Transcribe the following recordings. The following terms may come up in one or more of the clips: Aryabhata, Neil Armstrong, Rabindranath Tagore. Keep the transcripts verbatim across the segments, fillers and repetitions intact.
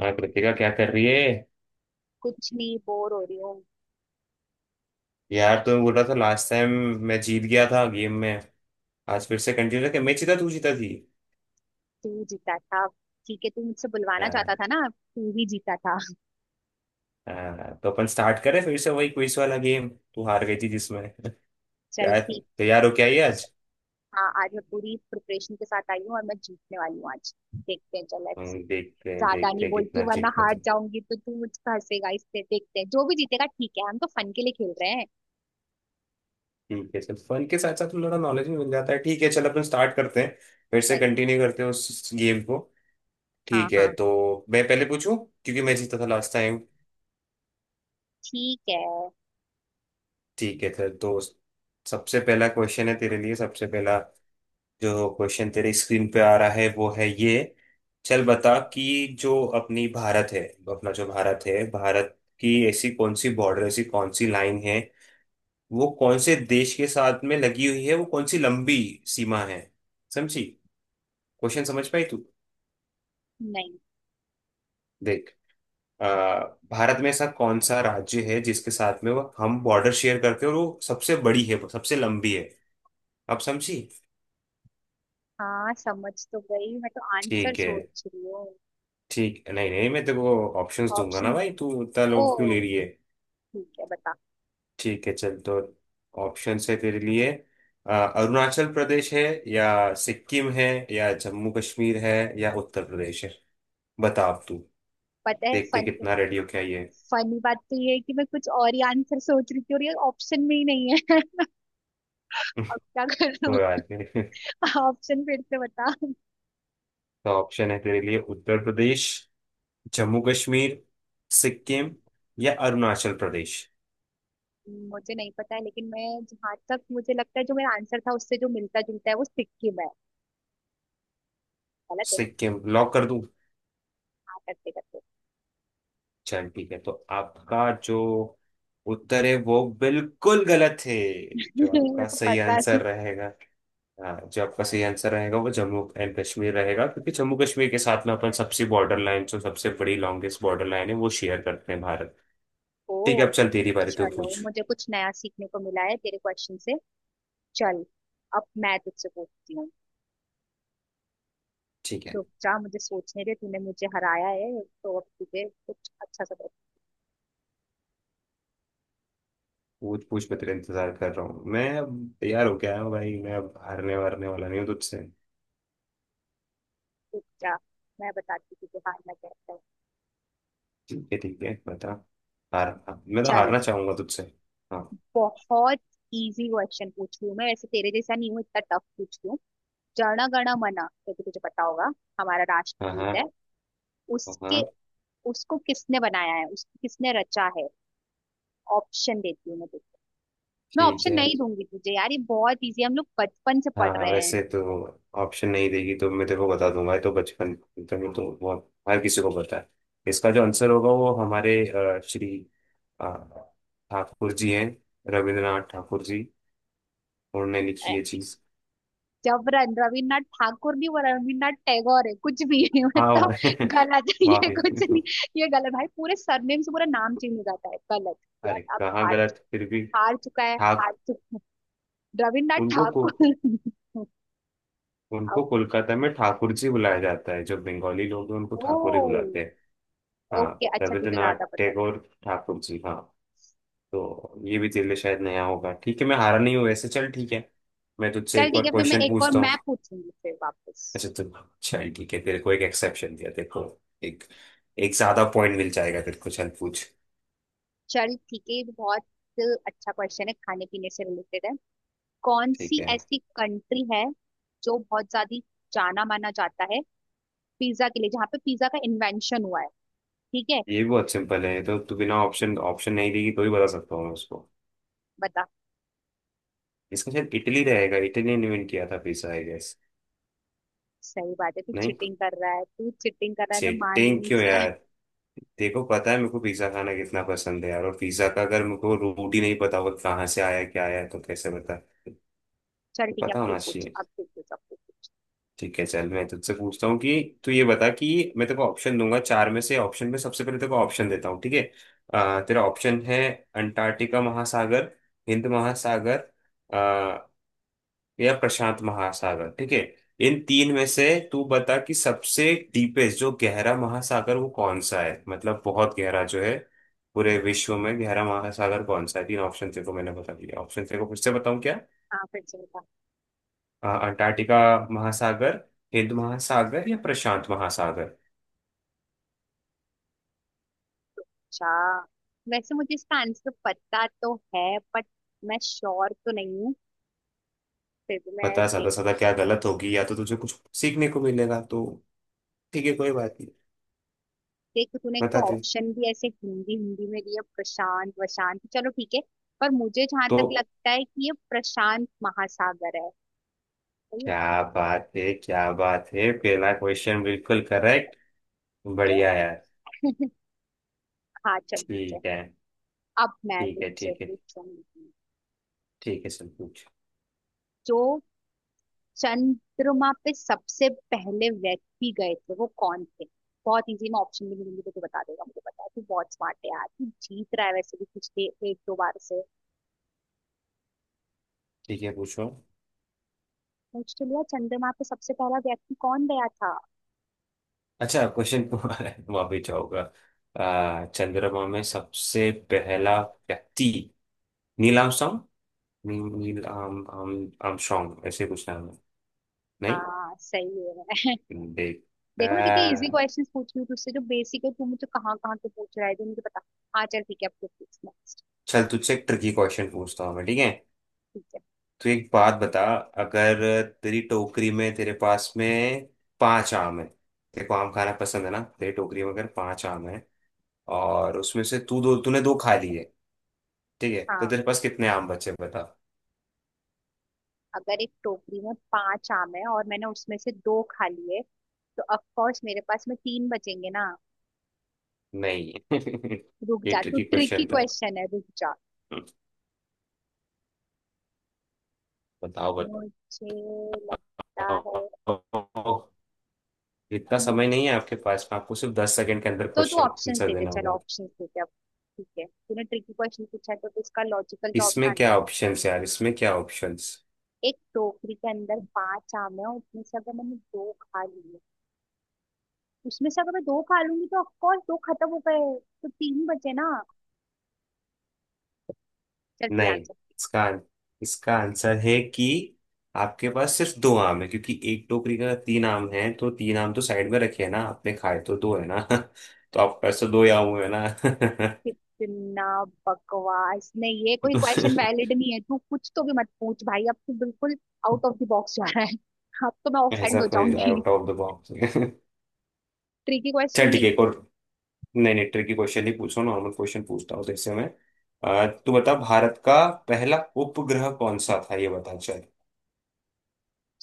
हाँ, कृतिका क्या कर रही है। कुछ नहीं, बोर हो रही हूँ। यार तुम्हें बोल रहा था लास्ट टाइम मैं जीत गया था गेम में। आज फिर से कंटिन्यू करके मैं जीता, तू जीता थी। तू जीता था। ठीक है, तू मुझसे बुलवाना चाहता हाँ। था ना, तू ही जीता था। हाँ, तो अपन स्टार्ट करें फिर से वही क्विज वाला गेम। तू हार गई थी जिसमें चल क्या ठीक। तैयार हो क्या ये आज। हाँ, आज मैं पूरी प्रिपरेशन के साथ आई हूँ और मैं जीतने वाली हूँ आज। देखते हैं, चल लेट्स सी। हम्म, देखते हैं ज्यादा नहीं देखते हैं बोलती कितना हूँ वरना जीत पा हार तुम। जाऊंगी तो तू मुझ पर हंसेगा। इससे देखते हैं जो भी जीतेगा, ठीक है, हम तो फन के लिए खेल रहे हैं। ठीक है, चल फन के साथ साथ थोड़ा नॉलेज भी मिल जाता है। ठीक है, चल अपन स्टार्ट करते हैं। फिर से भाई। कंटिन्यू करते हैं उस गेम को। हाँ ठीक है, हाँ। तो मैं पहले पूछूं क्योंकि मैं जीता था लास्ट टाइम। ठीक है। ठीक है, चल तो सबसे पहला क्वेश्चन है तेरे लिए। सबसे पहला जो क्वेश्चन तेरे स्क्रीन पे आ रहा है वो है ये। चल बता कि जो अपनी भारत है, अपना जो भारत है, भारत की ऐसी कौन सी बॉर्डर, ऐसी कौन सी लाइन है वो कौन से देश के साथ में लगी हुई है, वो कौन सी लंबी सीमा है। समझी। क्वेश्चन समझ पाई तू। नहीं। देख, आ, भारत में ऐसा कौन सा राज्य है जिसके साथ में वो हम बॉर्डर शेयर करते हैं और वो सबसे बड़ी है, वो सबसे लंबी है। आप समझी। हाँ समझ तो गई, मैं तो आंसर ठीक है। सोच रही हूँ। ठीक नहीं, नहीं मैं तेरे को ऑप्शंस दूंगा ना ऑप्शन। भाई, तू इतना ओ। लोग क्यों ले रही है। ठीक है, बता। ठीक है, चल तो ऑप्शन है तेरे लिए। अ, अरुणाचल प्रदेश है, या सिक्किम है, या जम्मू कश्मीर है, या उत्तर प्रदेश है। बता अब तू। पता है देखते फन, कितना रेडी हो क्या ये। फनी बात तो ये है कि मैं कुछ और ही आंसर सोच रही थी और ये ऑप्शन में ही नहीं है। अब क्या करूँ। कोई बात नहीं। ऑप्शन फिर से बता। तो ऑप्शन है तेरे लिए उत्तर प्रदेश, जम्मू कश्मीर, सिक्किम, या अरुणाचल प्रदेश। मुझे नहीं पता है, लेकिन मैं जहाँ तक मुझे लगता है जो मेरा आंसर था उससे जो मिलता जुलता है वो सिक्किम है। गलत है। सिक्किम लॉक कर दूं। हाँ करते करते। चल ठीक है, तो आपका जो उत्तर है वो बिल्कुल गलत है। जो मेरे आपका को सही पता थी। आंसर, हाँ जो आपका सही आंसर रहेगा वो जम्मू एंड कश्मीर रहेगा, क्योंकि जम्मू कश्मीर के साथ में अपन सबसे बॉर्डर लाइन, जो सबसे बड़ी लॉन्गेस्ट बॉर्डर लाइन है वो शेयर करते हैं भारत। ठीक है, ओ। अब चल तेरी बारी, तो चलो, पूछ। मुझे कुछ नया सीखने को मिला है तेरे क्वेश्चन से। चल, अब मैं तुझसे पूछती हूँ। ठीक है, रुक जा, मुझे सोचने दे। तूने मुझे हराया है तो अब तुझे कुछ अच्छा सा पूछ पूछ, मैं तेरा इंतजार कर रहा हूँ। मैं अब तैयार हो गया हूँ भाई, मैं अब हारने वारने वाला नहीं हूँ तुझसे। पूछ जा। मैं बताती हूँ तुझे हारना कैसा है। ठीक है ठीक है, बता। हार, हाँ, मैं तो चल, हारना चाहूंगा तुझसे। हाँ। बहुत इजी क्वेश्चन पूछ रही हूँ मैं, वैसे तेरे जैसा नहीं हूँ इतना टफ पूछ रही हूँ। जन गण मन, क्योंकि तुझे पता होगा, हमारा हाँ। हाँ। राष्ट्रगीत है। उसके, हाँ। उसको किसने बनाया है, उसको किसने रचा है। ऑप्शन देती हूँ मैं तुझे। मैं ठीक ऑप्शन है। नहीं दूंगी तुझे यार, ये बहुत इजी है, हम लोग बचपन से पढ़ हाँ रहे हैं। वैसे तो, ऑप्शन नहीं देगी तो मैं तेरे को बता दूंगा। ये तो बचपन, तो ये तो बहुत हर किसी को पता है। इसका जो आंसर होगा वो हमारे अ, श्री अ, ठाकुर जी हैं, रविंद्रनाथ ठाकुर जी। उन्होंने लिखी ए, ये चीज। जब रन- रविन्द्रनाथ ठाकुर नहीं, वो रविन्द्रनाथ टैगोर है, कुछ भी है। हाँ। मतलब गलत है, ये माफी। कुछ नहीं। ये गलत भाई, पूरे सरनेम से पूरा नाम चेंज हो जाता है, गलत। अरे यार अब कहाँ हार, गलत फिर भी। हार चुका है। हार। ठाक रविन्द्रनाथ उनको को ठाकुर। उनको कोलकाता में ठाकुर जी बुलाया जाता है। जो बंगाली लोग हैं उनको ठाकुर ही ओ। बुलाते हैं। हाँ ओके, अच्छा, तुझे रविंद्रनाथ ज्यादा पता। टैगोर ठाकुर जी, हाँ। तो ये भी तेरे लिए शायद नया होगा। ठीक है, मैं हारा नहीं हूँ वैसे। चल ठीक है, मैं तुझसे चल एक ठीक और है, फिर मैं क्वेश्चन एक और पूछता हूँ। मैं पूछूंगी फिर वापस। अच्छा तो चल ठीक है, तेरे को एक एक्सेप्शन दिया तेरे को। एक, एक ज्यादा पॉइंट मिल जाएगा तेरे को। चल पूछ। चल ठीक है, ये भी बहुत अच्छा क्वेश्चन है, खाने पीने से रिलेटेड है। कौन ठीक सी है, ऐसी कंट्री है जो बहुत ज्यादा जाना माना जाता है पिज्जा के लिए, जहाँ पे पिज्जा का इन्वेंशन हुआ है। ठीक है, ये भी बहुत सिंपल है, तो तू बिना ऑप्शन, ऑप्शन नहीं देगी तो ही बता सकता हूँ मैं उसको। बता। इसका शायद इटली रहेगा। इटली ने इन्वेंट किया था पिज्जा, आई गेस। सही बात है, तू नहीं। चिटिंग कर रहा है, तू चिटिंग कर रहा है, मैं मानी चेटिंग नहीं क्यों सर। यार। देखो, पता है मेरे को पिज्जा खाना कितना पसंद है यार, और पिज्जा का अगर मेरे को रूट ही नहीं पता होगा कहाँ से आया क्या आया तो कैसे बता। चल तो ठीक है, पता अब तू होना पूछ, चाहिए। अब तू पूछ, अब तू पूछ। ठीक है, चल मैं तुझसे पूछता हूँ कि तू ये बता कि मैं तेरे को ऑप्शन दूंगा चार में से। ऑप्शन में सबसे पहले तेरे को ऑप्शन देता हूँ, ठीक है। अ, तेरा ऑप्शन है अंटार्कटिका महासागर, हिंद महासागर, अ, या प्रशांत महासागर, ठीक है। इन तीन में से तू बता कि सबसे डीपेस्ट जो गहरा महासागर वो कौन सा है, मतलब बहुत गहरा जो है, पूरे विश्व में गहरा महासागर कौन सा है। तीन ऑप्शन तेरे को मैंने बता दिया, ऑप्शन तेरे को फिर से बताऊँ क्या? हाँ, फिर से बता। आ, अंटार्कटिका महासागर, हिंद महासागर या प्रशांत महासागर। अच्छा, वैसे मुझे इसका आंसर पता तो है, बट मैं श्योर तो नहीं हूँ, फिर भी मैं बता देख। सादा सादा, क्या गलत होगी या तो तुझे कुछ सीखने को मिलेगा तो ठीक है, कोई बात नहीं। देख, तूने एक तो बताते ऑप्शन भी ऐसे हिंदी हिंदी में दिया, प्रशांत वशांत, चलो ठीक है। पर मुझे जहां तो। तक लगता है कि ये प्रशांत महासागर है। तो ये क्या बात है क्या बात है, पहला क्वेश्चन बिल्कुल करेक्ट। बढ़िया ये- यार। हाँ चल ठीक है। ठीक है। अब मैं ठीक है तुझसे ठीक है। पूछूंगी। ठीक है सर, पूछ। जो चंद्रमा पे सबसे पहले व्यक्ति गए थे वो कौन थे। बहुत इजी, मैं ऑप्शन भी नहीं दूंगी तो तू बता देगा, मुझे पता है तू बहुत स्मार्ट है यार, तू जीत रहा है वैसे भी पिछले एक दो बार से। ठीक है, पूछो। पूछ तो लिया, चंद्रमा पे सबसे पहला व्यक्ति कौन गया था। अच्छा क्वेश्चन, वहां भी जाओगा। आ, चंद्रमा में सबसे पहला व्यक्ति Neil Armstrong. Neil um um Armstrong ऐसे कुछ नाम है। नहीं। हाँ सही है। देख। देखो, मैं कितने इजी आ, क्वेश्चंस पूछ रही हूँ तुझसे जो बेसिक है, तू मुझे कहाँ कहाँ के पूछ रहा है जो मुझे पता। हाँ चल ठीक है, अब तू पूछ नेक्स्ट। चल तुझसे एक ट्रिकी क्वेश्चन पूछता हूँ मैं, ठीक है। ठीक है। तू एक बात बता, अगर तेरी टोकरी में, तेरे पास में पांच आम है, तेरे को आम खाना पसंद है ना, तेरी टोकरी में अगर पांच आम है और उसमें से तू दो, तूने दो खा लिए, ठीक है, तो हाँ। तेरे पास कितने आम बचे बता। अगर एक टोकरी में पांच आम है और मैंने उसमें से दो खा लिए तो ऑफ कोर्स मेरे पास में तीन बचेंगे ना। नहीं। रुक ये जा, तू ट्रिकी ट्रिकी क्वेश्चन था। क्वेश्चन है रुक जा। बताओ। मुझे लगता है। बताओ, इतना मु- समय नहीं है आपके पास में, आपको सिर्फ दस सेकंड के अंदर तो तू क्वेश्चन ऑप्शंस आंसर दे दे, देना चलो होगा। ऑप्शंस दे दे अब। ठीक है, तूने ट्रिकी क्वेश्चन पूछा है, तो तो इसका लॉजिकल इसमें क्या आंसर। ऑप्शंस है यार, इसमें क्या ऑप्शंस। एक टोकरी के अंदर पांच आम है, उसमें से अगर मैंने दो खा लिए, उसमें से अगर मैं दो खा लूंगी तो ऑफकोर्स दो खत्म हो गए, तो तीन बचे ना। चल तू नहीं, आंसर। इसका, इसका आंसर है कि आपके पास सिर्फ दो आम है, क्योंकि एक टोकरी का तीन आम है, तो तीन आम तो साइड में रखे हैं ना, आपने खाए तो दो है ना तो आपके पास तो दो ही आम हुए ना। कितना बकवास, नहीं ये कोई क्वेश्चन वैलिड नहीं है, तू कुछ तो भी मत पूछ भाई, अब तू बिल्कुल आउट ऑफ द बॉक्स जा रहा है। अब तो मैं ऑफेंड ऐसा हो कोई जाऊंगी। Out of the box. Tricky question चल ठीक नहीं। है, एक और। नहीं नहीं, ट्रिकी क्वेश्चन ही पूछो, नॉर्मल क्वेश्चन पूछता हूँ जैसे मैं। अ, तू बता भारत का पहला उपग्रह कौन सा था, ये बता चल।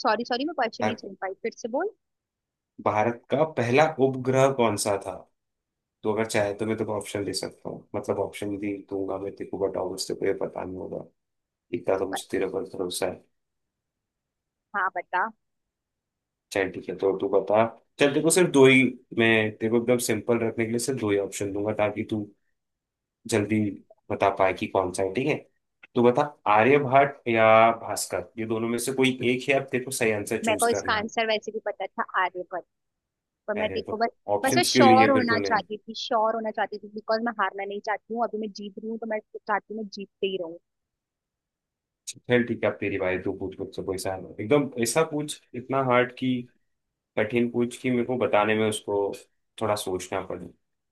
सॉरी सॉरी, मैं क्वेश्चन हाँ, नहीं सुन पाई, फिर से बोल। भारत का पहला उपग्रह कौन सा था। तो अगर चाहे तो मैं तुझे ऑप्शन दे सकता हूँ, मतलब ऑप्शन भी दूंगा मैं तेरे को, बताऊँ उससे कोई पता नहीं होगा, इतना तो ब- मुझे तेरे पर भरोसा है। हाँ बता। चल ठीक है, तो तू बता। चल तेरे को सिर्फ दो ही, मैं तेरे को एकदम सिंपल रखने के लिए सिर्फ दो ही ऑप्शन दूंगा, ताकि तू जल्दी बता पाए कि कौन सा है, ठीक है, तो बता। आर्यभट्ट या भास्कर, ये दोनों में से कोई एक है, अब तेरे को सही आंसर मेरे चूज को इसका करना है। आंसर वैसे भी पता था, आर्यभट्ट। पर मैं अरे, तेरे तो को बस, बस मैं ऑप्शंस क्यों लिए श्योर फिर होना तूने। चाहती थी, श्योर होना चाहती थी बिकॉज मैं हारना नहीं चाहती हूँ, अभी मैं जीत रही हूँ तो मैं चाहती हूँ मैं जीतते ही रहूँ। चल ठीक है, अब तेरी बारी, तू पूछ मुझसे कोई सा, एकदम ऐसा पूछ, इतना हार्ड कि, कठिन पूछ कि मेरे को बताने में उसको थोड़ा सोचना पड़े।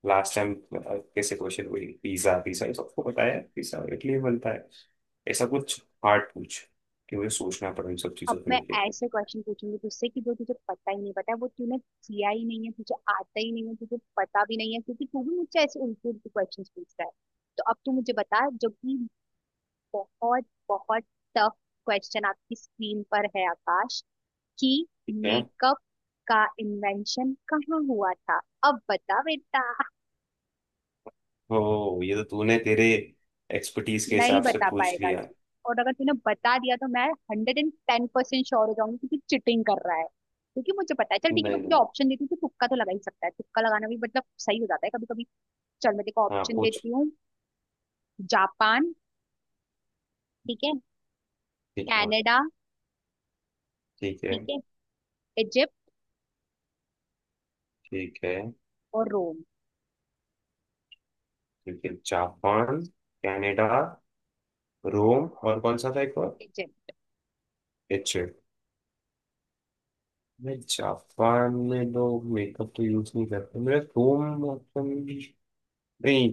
लास्ट टाइम कैसे क्वेश्चन हुई, पिज्जा पिज्जा ये सबको बताया, पिज्जा इटली में बनता है। ऐसा कुछ हार्ड पूछ कि मुझे सोचना पड़े इन सब अब चीजों को मैं लेके। ऐसे क्वेश्चन पूछूंगी तुझसे कि जो तुझे पता ही नहीं पता है, वो तूने किया ही नहीं है, तुझे आता ही नहीं है, तुझे पता भी नहीं है, क्योंकि तू भी मुझसे ऐसे उल्टे उल्टे क्वेश्चन पूछ रहा है। तो अब तू मुझे बता जो कि बहुत बहुत टफ क्वेश्चन, आपकी स्क्रीन पर है आकाश, कि ठीक है। मेकअप का इन्वेंशन कहाँ हुआ था। अब बता बेटा। ओ, ये तो तूने तेरे एक्सपर्टीज के नहीं हिसाब से बता पूछ पाएगा लिया। तू? और अगर तूने बता दिया तो मैं hundred and ten percent sure हो जाऊंगी कि तू चिटिंग कर रहा है, क्योंकि मुझे पता है। चल नहीं। ठीक है, मैं तुझे नहीं। ऑप्शन देती हूँ, तू तुक्का तो लगा ही सकता है, तुक्का लगाना भी मतलब सही हो जाता है कभी कभी। चल मैं देखो हाँ ऑप्शन पूछ। देती हूँ। जापान। ठीक है। ठीक, हाँ। कनाडा। ठीक है। ठीक है। इजिप्ट ठीक है। और रोम। ठीक है जापान, कनाडा, रोम, और कौन सा था एक और। इजिप्ट। इच्छे, नहीं जापान में लोग मेकअप तो यूज नहीं करते, मेरा रोम ऑप्शन, नहीं,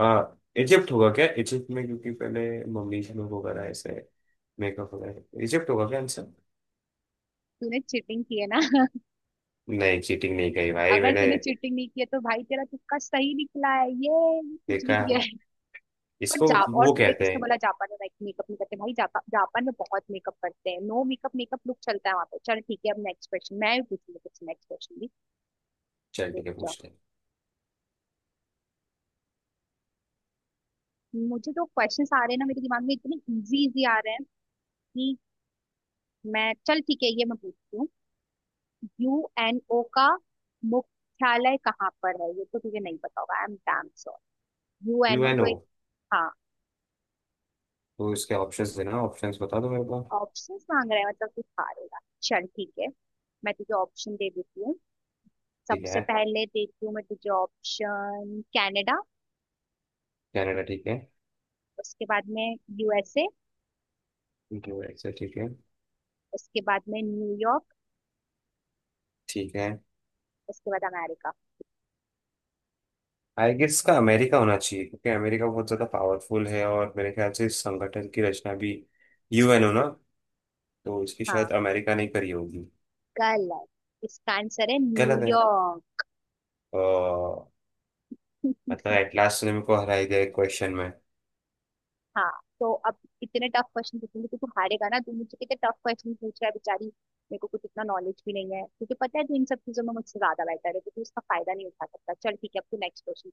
आ, इजिप्ट होगा क्या, इजिप्ट में, क्योंकि पहले मम्मीज लोग वगैरह ऐसे मेकअप वगैरह, इजिप्ट होगा क्या आंसर। तूने चीटिंग की है ना। नहीं, चीटिंग नहीं कही भाई अगर मैंने। तूने चीटिंग नहीं की है तो भाई तेरा तुक्का सही निकला है, ये ये कुछ नहीं देखा किया है। पर इसको। जा, और वो तुझे कहते किसने हैं। बोला जापान में मेकअप नहीं करते भाई, जापा, जापान में बहुत मेकअप करते हैं, नो मेकअप मेकअप लुक चलता है वहां पे। चल ठीक है, अब नेक्स्ट क्वेश्चन मैं भी पूछूंगी कुछ, नेक्स्ट क्वेश्चन भी। चल रुक ठीक है, जाओ, पूछते हैं। मुझे जो क्वेश्चन आ रहे हैं ना मेरे दिमाग में, इतने इजी इजी आ रहे हैं कि मैं, चल ठीक है ये मैं पूछती हूँ। यूएनओ का मुख्यालय कहाँ पर है? ये तो तुझे नहीं पता होगा, I am damn sure. You यूएनओ एन जो ओ, एक। हाँ। तो इसके ऑप्शंस देना, ऑप्शंस बता दो मेरे को। ऑप्शंस मांग रहा है मतलब तू हारेगा, चल ठीक है, मैं तुझे ऑप्शन दे देती हूँ। ठीक सबसे है, पहले देती हूँ मैं तुझे ऑप्शन कनाडा। कनाडा ठीक है, उसके बाद में यूएसए। यूएसए ठीक है, उसके बाद में न्यूयॉर्क। ठीक है। उसके बाद अमेरिका। आई गेस इसका अमेरिका होना चाहिए, क्योंकि अमेरिका बहुत ज़्यादा पावरफुल है, और मेरे ख्याल से इस संगठन की रचना भी यूएन हो ना, तो इसकी हाँ शायद अमेरिका ने करी होगी। गलत। इसका आंसर है गलत है। न्यूयॉर्क। अ, मतलब एटलास ने मेरे को हराई दिया क्वेश्चन में। हाँ, तो अब इतने टफ क्वेश्चन पूछूंगी तो तू तो हारेगा ना, तू मुझसे कितने टफ क्वेश्चन पूछ रहा है, बेचारी मेरे को कुछ इतना नॉलेज भी नहीं है, तुझे पता है तू इन सब चीजों में मुझसे ज्यादा बेटर है, तो तू इसका फायदा नहीं उठा सकता। चल ठीक है, अब तू नेक्स्ट क्वेश्चन।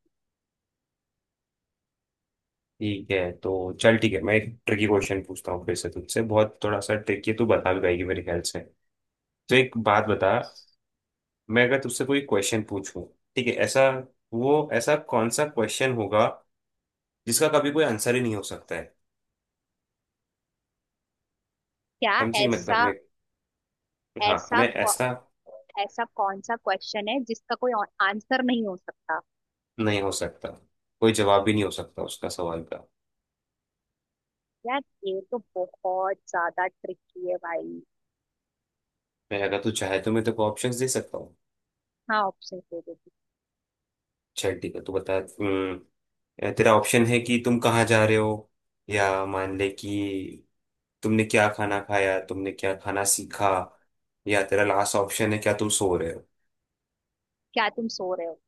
ठीक है, तो चल ठीक है, मैं एक ट्रिकी क्वेश्चन पूछता हूँ फिर से तुझसे, बहुत थोड़ा सा ट्रिकी है, तू बता भी पाएगी मेरे ख्याल से। तो एक बात बता, मैं अगर तुझसे कोई क्वेश्चन पूछूं ठीक है ऐसा, वो ऐसा कौन सा क्वेश्चन होगा जिसका कभी कोई आंसर ही नहीं हो सकता है। क्या समझी, मतलब ऐसा? मैं। हाँ, ऐसा मैं कौ, ऐसा, ऐसा कौन सा क्वेश्चन है जिसका कोई आंसर नहीं हो सकता? नहीं हो सकता, कोई जवाब भी नहीं हो सकता उसका, सवाल का। यार, ये तो बहुत ज्यादा ट्रिकी है भाई। मैं अगर तू चाहे तो मैं तेरे को ऑप्शंस दे सकता हूँ। हाँ, ऑप्शन दे देती। चल ठीक है, तू बता। हम्म, तेरा ऑप्शन है कि तुम कहाँ जा रहे हो, या मान ले कि तुमने क्या खाना खाया, तुमने क्या खाना सीखा, या तेरा लास्ट ऑप्शन है क्या तुम सो रहे हो। क्या तुम सो रहे हो।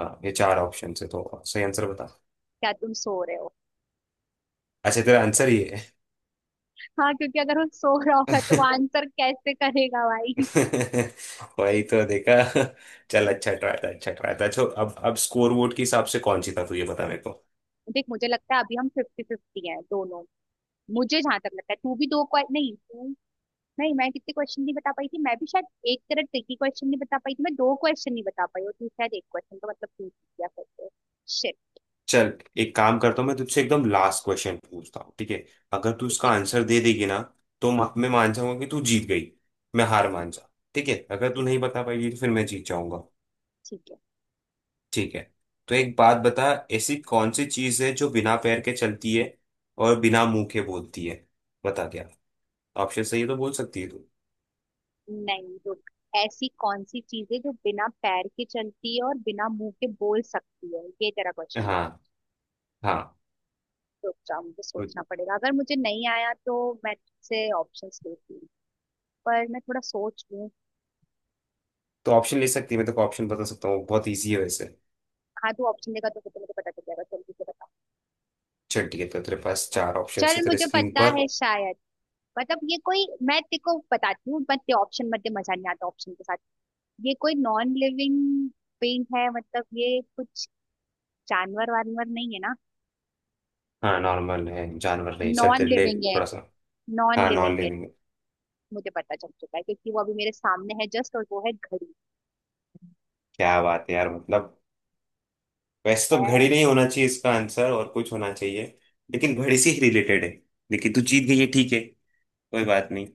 हाँ ये चार ऑप्शन है, तो सही आंसर बता। क्या तुम सो रहे हो। अच्छा, तेरा आंसर ही है। हाँ, क्योंकि अगर वो सो रहा होगा तो वो आंसर कैसे करेगा भाई। वही तो देखा। चल अच्छा ट्राई था, अच्छा ट्राई था। चलो अब अब स्कोर वोट के हिसाब से कौन जीता तू ये बता मेरे को। देख, मुझे लगता है अभी हम फिफ्टी फिफ्टी हैं दोनों। मुझे जहां तक लगता है तू भी दो क्वे- नहीं तू, नहीं मैं कितने क्वेश्चन नहीं बता पाई थी, मैं भी शायद एक तरह ट्रिकी क्वेश्चन नहीं बता पाई थी, मैं दो क्वेश्चन नहीं बता पाई, और तू शायद एक क्वेश्चन, तो मतलब तू जीत गया फिर तो। शिट। चल, एक काम करता हूँ मैं, तुझसे एकदम लास्ट क्वेश्चन पूछता हूँ, ठीक है। अगर तू इसका ठीक आंसर दे देगी ना, तो म- मैं मान जाऊंगा कि तू जीत गई, मैं हार है। मान जा। ठीक है, अगर तू तो नहीं बता पाएगी तो फिर मैं जीत जाऊंगा। ठीक है। ठीक है, तो एक बात बता, ऐसी कौन सी चीज है जो बिना पैर के चलती है और बिना मुंह के बोलती है। बता, क्या ऑप्शन सही है तो बोल सकती है तू। नहीं रुक। ऐसी कौन सी चीज है जो बिना पैर के चलती है और बिना मुंह के बोल सकती है, ये तेरा क्वेश्चन है? हाँ हाँ। रुक जाओ, मुझे तो, सोचना पड़ेगा, अगर मुझे नहीं आया तो मैं तुझसे ऑप्शंस लेती हूँ, पर मैं थोड़ा सोच लूँ। तो ऑप्शन ले सकती है, मैं तो ऑप्शन बता सकता हूँ, बहुत इजी है वैसे। हाँ तू ऑप्शन देगा तो फिर तो मुझे पता चल जाएगा, जल्दी से बता। चल ठीक है, तो तेरे पास चार ऑप्शन चल, है तेरे मुझे स्क्रीन पता पर। है शायद, मतलब ये कोई, मैं तेरे को बताती हूँ, मत ऑप्शन मत दे, मजा नहीं आता ऑप्शन के साथ। ये कोई नॉन लिविंग पेंट है मतलब, ये कुछ जानवर वानवर नहीं है ना? हाँ नॉर्मल है, जानवर नहीं, चल नॉन तेरे लिए लिविंग है। थोड़ा सा। नॉन हाँ नॉन लिविंग इट। लिविंग है। मुझे पता चल चुका है क्योंकि वो अभी मेरे सामने है जस्ट, और वो है घड़ी। क्या बात है यार, मतलब वैसे अ, तो घड़ी नहीं होना चाहिए इसका आंसर, और कुछ होना चाहिए, लेकिन घड़ी से ही रिलेटेड है। लेकिन तू जीत गई है, ठीक है, कोई बात नहीं।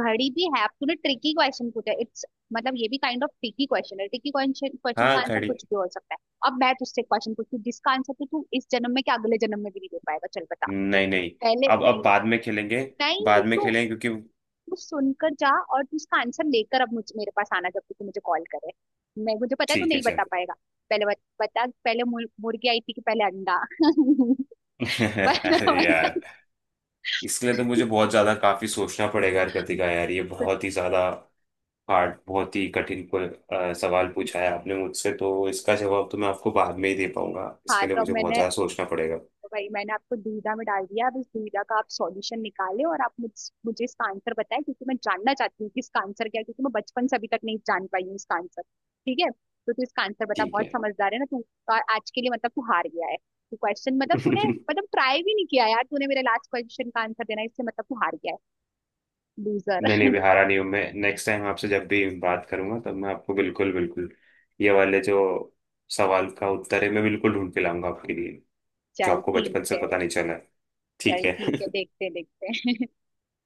घड़ी भी है। अब तूने ट्रिकी क्वेश्चन पूछा, इट्स मतलब ये भी काइंड ऑफ ट्रिकी क्वेश्चन है, ट्रिकी क्वेश्चन क्वेश्चन हाँ, का आंसर घड़ी। कुछ भी हो सकता है। अब मैं तुझसे क्वेश्चन पूछती हूँ जिसका आंसर तो तू इस जन्म में क्या अगले जन्म में भी नहीं दे पाएगा, चल बता। नहीं नहीं, पहले अब अब नहीं। बाद में खेलेंगे। नहीं बाद में तू, खेलेंगे, क्योंकि। तू सुनकर जा, और तू इसका आंसर लेकर अब मुझ मेरे पास आना जब तू मुझे कॉल करे। मैं मुझे पता है तू ठीक है, नहीं चल। बता पाएगा। पहले बत, बता पहले मुर- मुर्गी आई थी कि पहले अंडा? बता अरे बता। यार, इसके लिए तो मुझे बहुत ज्यादा काफी सोचना पड़ेगा कृतिका यार, ये तो बहुत ही ज्यादा हार्ड, बहुत ही कठिन को, अ, सवाल पूछा है आपने मुझसे, तो इसका जवाब तो मैं आपको बाद में ही दे पाऊंगा, हाँ, इसके लिए तो अब मुझे बहुत मैंने, ज्यादा सोचना पड़ेगा। वही मैंने आपको दुविधा में डाल दिया, अब इस दुविधा का आप सॉल्यूशन निकालें और आप मुझ, मुझे इसका आंसर बताएं, क्योंकि मैं जानना चाहती हूँ कि इसका आंसर क्या है, क्योंकि मैं बचपन से अभी तक नहीं जान पाई हूँ इसका आंसर। ठीक है, तो तू इसका आंसर बता, ठीक बहुत है। समझदार है ना तू। और आज के लिए मतलब तू हार गया है। तू क्वेश्चन मतलब तूने, मतलब ट्राई भी नहीं किया यार, तूने मेरे लास्ट क्वेश्चन का आंसर देना है, इससे मतलब तू हार गया है। लूजर। नहीं नहीं भी हारा नहीं हूं मैं, नेक्स्ट टाइम आपसे जब भी बात करूंगा तब मैं आपको बिल्कुल, बिल्कुल ये वाले जो सवाल का उत्तर है मैं बिल्कुल ढूंढ के लाऊंगा आपके लिए, जो चल आपको ठीक बचपन से है। पता नहीं चला है। ठीक चल ठीक है। है, देखते हैं, देखते हैं।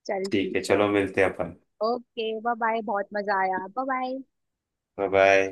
चल ठीक ठीक है, है। चलो मिलते हैं अपन। ओके बाय बाय, बहुत मजा आया, बाय बाय। Bye bye.